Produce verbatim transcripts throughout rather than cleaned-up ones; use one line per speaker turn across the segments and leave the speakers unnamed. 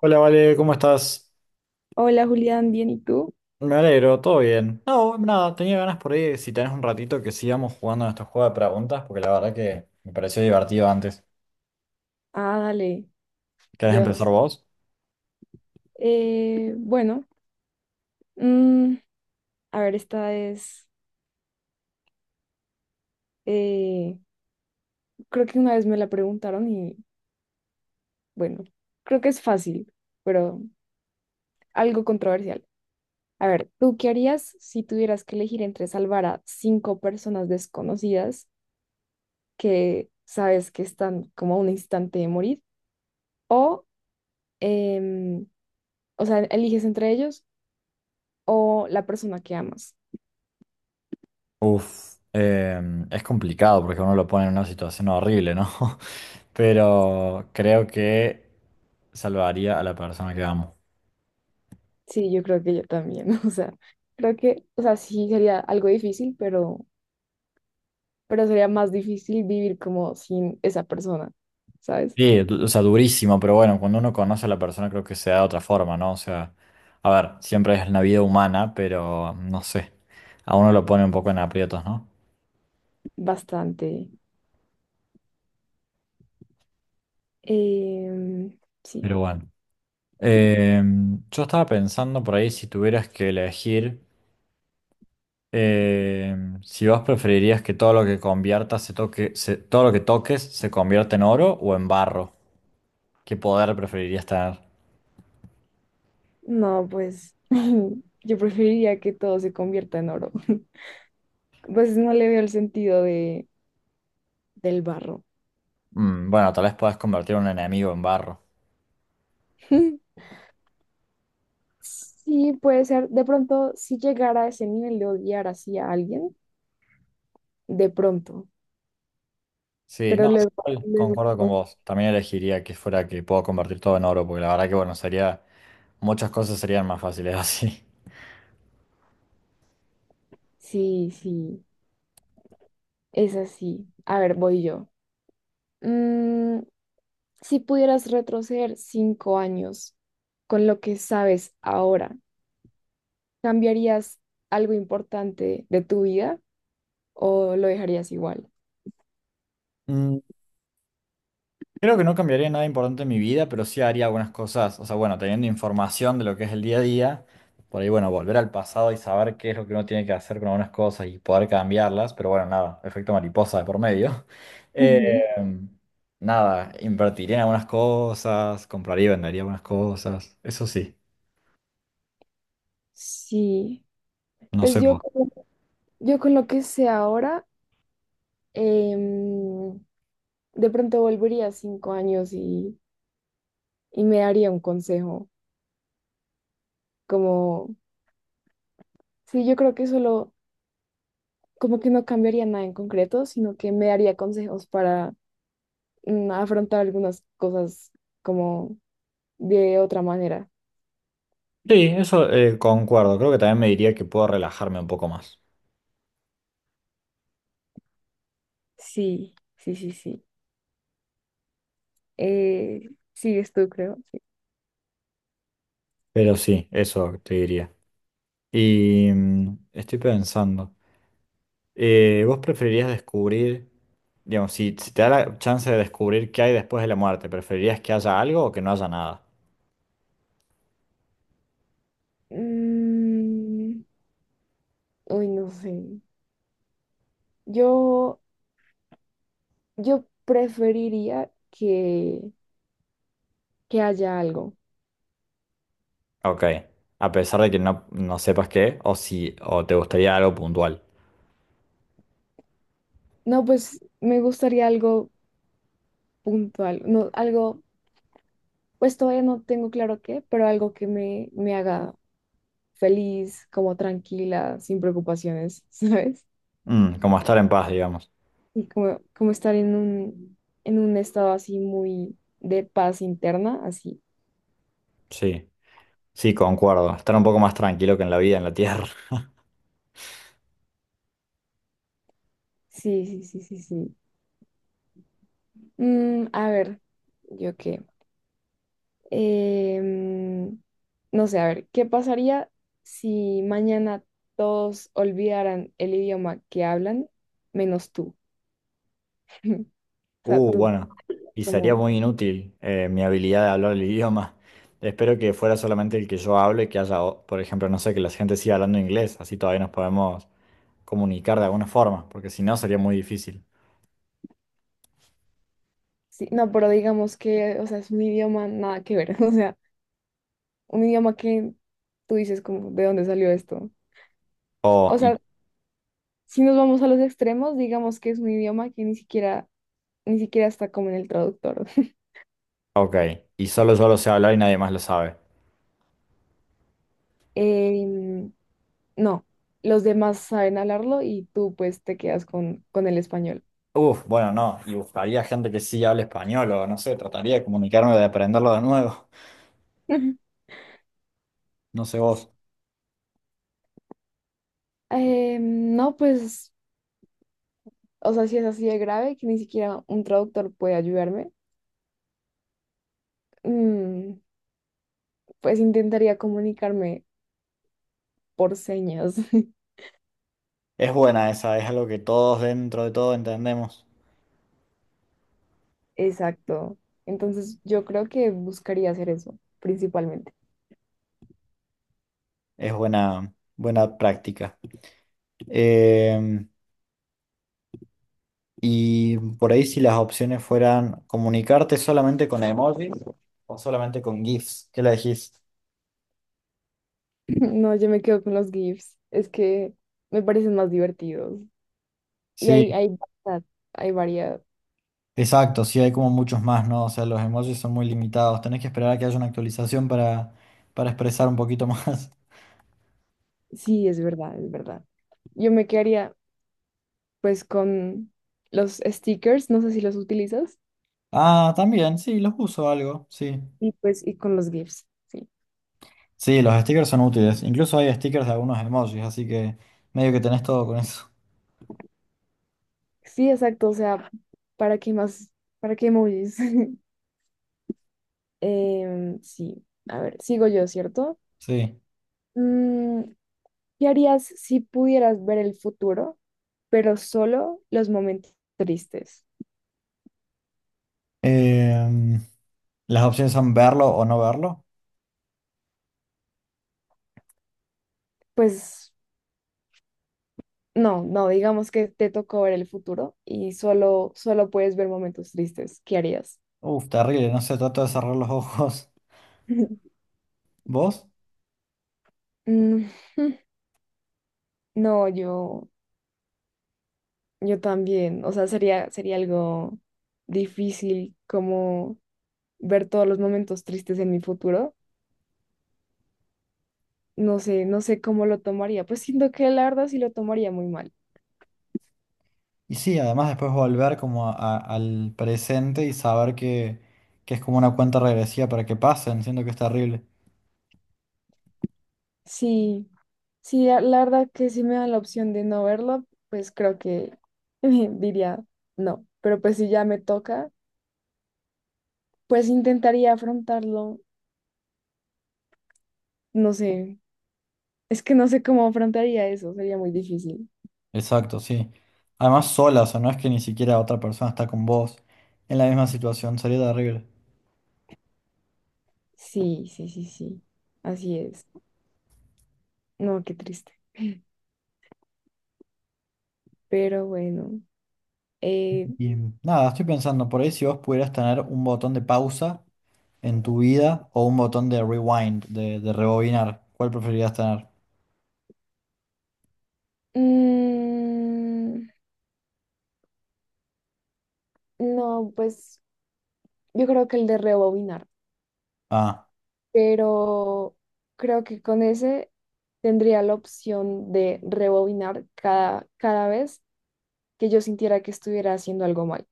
Hola, Vale, ¿cómo estás?
Hola Julián, ¿bien y tú?
Me alegro, todo bien. No, nada, tenía ganas por ahí, si tenés un ratito, que sigamos jugando a estos juegos de preguntas, porque la verdad que me pareció divertido antes.
Ah, dale,
¿Querés
yo.
empezar vos?
Eh, bueno, mm, a ver, esta es, eh, creo que una vez me la preguntaron y bueno, creo que es fácil, pero algo controversial. A ver, ¿tú qué harías si tuvieras que elegir entre salvar a cinco personas desconocidas que sabes que están como a un instante de morir o, em, o sea, ¿eliges entre ellos o la persona que amas?
Uf, em, es complicado porque uno lo pone en una situación horrible, ¿no? Pero creo que salvaría a la persona que amo.
Sí, yo creo que yo también, o sea, creo que, o sea, sí sería algo difícil, pero, pero sería más difícil vivir como sin esa persona, ¿sabes?
Sí, du- o sea, durísimo, pero bueno, cuando uno conoce a la persona creo que se da de otra forma, ¿no? O sea, a ver, siempre es la vida humana, pero no sé, a uno lo pone un poco en aprietos, ¿no?
Bastante. Em, sí,
Pero bueno, Em, yo estaba pensando por ahí si tuvieras que elegir, em, si vos preferirías que todo lo que conviertas se toque, se- todo lo que toques se convierta en oro o en barro. ¿Qué poder preferirías tener?
no, pues yo preferiría que todo se convierta en oro. Pues no le veo el sentido de, del barro.
Mm, bueno, tal vez puedas convertir a un enemigo en barro.
Sí, puede ser, de pronto, si llegara a ese nivel de odiar así a alguien, de pronto,
Sí,
pero
no,
luego,
igual
luego,
concuerdo con
no.
vos. También elegiría que fuera que puedo convertir todo en oro, porque la verdad que bueno, sería, muchas cosas serían más fáciles así.
Sí, sí. Es así. A ver, voy yo. Mm, si pudieras retroceder cinco años con lo que sabes ahora, ¿cambiarías algo importante de tu vida o lo dejarías igual?
Creo que no cambiaría nada importante en mi vida, pero sí haría algunas cosas, o sea, bueno, teniendo información de lo que es el día a día, por ahí, bueno, volver al pasado y saber qué es lo que uno tiene que hacer con algunas cosas y poder cambiarlas, pero bueno, nada, efecto mariposa de por medio. Eh,
Ujú.
nada, invertiría en algunas cosas, compraría y vendería algunas cosas, eso sí,
Sí,
no
pues
sé.
yo,
Vos.
con- yo con lo que sé ahora, em, de pronto volvería cinco años y, y me daría un consejo, como, sí, yo creo que solo, como que no cambiaría nada en concreto, sino que me daría consejos para mm, afrontar algunas cosas como de otra manera.
Sí, eso, eh, concuerdo, creo que también me diría que puedo relajarme un poco más,
Sí, sí, sí, sí. Eh, sigues tú, creo. Sí.
pero sí, eso te diría. Y mm, estoy pensando. Eh, ¿vos preferirías descubrir, digamos, si, si te da la chance de descubrir qué hay después de la muerte, preferirías que haya algo o que no haya nada?
Mm, uy, no sé. Yo... Yo preferiría que, que haya algo.
Ok, a pesar de que no, no sepas qué, o si, o te gustaría algo puntual.
No, pues me gustaría algo puntual, no, algo, pues todavía no tengo claro qué, pero algo que me, me haga feliz, como tranquila, sin preocupaciones, ¿sabes?
Mm, como estar en paz, digamos.
Y como, como estar en un, en un estado así muy de paz interna, así.
Sí, sí, concuerdo. Estar un poco más tranquilo que en la vida, en la tierra.
Sí, sí, sí, sí, sí. Mm, a ver, ¿yo qué? Em, no sé, a ver, ¿qué pasaría si mañana todos olvidaran el idioma que hablan, menos tú? O sea,
Uh,
tú,
bueno, y sería
como,
muy inútil eh, mi habilidad de hablar el idioma. Espero que fuera solamente el que yo hablo y que haya, o- por ejemplo, no sé, que la gente siga hablando inglés, así todavía nos podemos comunicar de alguna forma, porque si no sería muy difícil.
sí, no, pero digamos que, o sea, es un idioma nada que ver, o sea, un idioma que tú dices como, ¿de dónde salió esto?
O,
O
y,
sea, si nos vamos a los extremos, digamos que es un idioma que ni siquiera, ni siquiera está como en el traductor.
ok, y solo yo lo sé hablar y nadie más lo sabe.
Em, no, los demás saben hablarlo y tú pues te quedas con, con el español.
Uf, bueno, no, y buscaría gente que sí hable español o no sé, trataría de comunicarme, de aprenderlo de nuevo. No sé vos.
Eh, no, pues, o sea, si es así de grave que ni siquiera un traductor puede ayudarme, mm, pues intentaría comunicarme por señas.
Es buena esa, es algo que todos dentro de todo entendemos.
Exacto. Entonces yo creo que buscaría hacer eso, principalmente.
Es buena, buena práctica. Eh, y por ahí si las opciones fueran comunicarte solamente con emojis o solamente con GIFs, ¿qué le decís?
No, yo me quedo con los GIFs. Es que me parecen más divertidos. Y
Sí,
hay, hay variedad, hay variedad.
exacto, sí hay como muchos más, ¿no? O sea, los emojis son muy limitados. Tenés que esperar a que haya una actualización para, para expresar un poquito más.
Sí, es verdad, es verdad. Yo me quedaría pues con los stickers, no sé si los utilizas,
Ah, también, sí, los uso algo, sí.
y pues y con los GIFs, sí.
Sí, los stickers son útiles. Incluso hay stickers de algunos emojis, así que medio que tenés todo con eso.
Sí, exacto, o sea, ¿para qué más? ¿Para qué emojis? Em, sí, a ver, sigo yo, ¿cierto?
Sí.
Mm, ¿qué harías si pudieras ver el futuro, pero solo los momentos tristes?
Em, las opciones son verlo o no verlo.
Pues no, no, digamos que te tocó ver el futuro y solo, solo puedes ver momentos tristes. ¿Qué harías?
Uf, terrible, no sé, trato de cerrar los ojos. ¿Vos?
Mm, No, yo Yo también, o sea, sería, sería algo difícil como ver todos los momentos tristes en mi futuro. No sé, no sé cómo lo tomaría. Pues siento que la verdad sí lo tomaría muy mal.
Y sí, además después volver como a- a- al presente y saber que, que es como una cuenta regresiva para que pasen, siento que es terrible.
Sí, sí, la la verdad que si me dan la opción de no verlo, pues creo que diría no. Pero pues si ya me toca, pues intentaría afrontarlo. No sé, es que no sé cómo afrontaría eso, sería muy difícil.
Exacto, sí. Además sola, o sea, no es que ni siquiera otra persona está con vos en la misma situación, sería terrible.
Sí, sí, sí, sí, así es. No, qué triste. Pero bueno, eh,
Y nada, estoy pensando por ahí si vos pudieras tener un botón de pausa en tu vida o un botón de rewind, de, de rebobinar, ¿cuál preferirías tener?
mm, no, pues yo creo que el de rebobinar,
Ah,
pero creo que con ese tendría la opción de rebobinar cada, cada vez que yo sintiera que estuviera haciendo algo mal,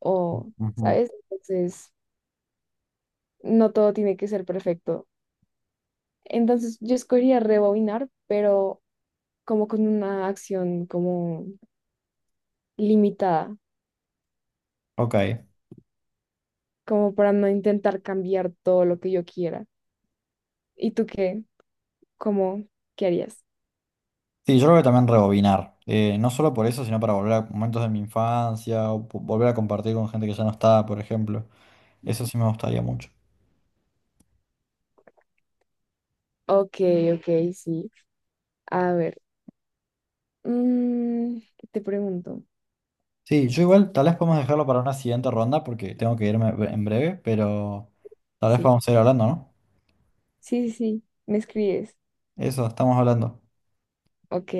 o,
ujú,
¿sabes? Entonces, no todo tiene que ser perfecto. Entonces, yo escogería rebobinar, pero como con una acción como limitada,
ok.
como para no intentar cambiar todo lo que yo quiera. ¿Y tú qué? ¿Cómo? ¿Qué harías?
Sí, yo creo que también rebobinar, eh, no solo por eso, sino para volver a momentos de mi infancia o po- volver a compartir con gente que ya no está, por ejemplo. Eso sí me gustaría mucho.
Ok, ok, sí. A ver, mm, ¿qué te pregunto?
Sí, yo igual tal vez podemos dejarlo para una siguiente ronda porque tengo que irme bre- en breve, pero tal vez
Sí,
podamos seguir hablando, ¿no?
sí, sí, sí. ¿Me escribes?
Eso, estamos hablando.
Ok,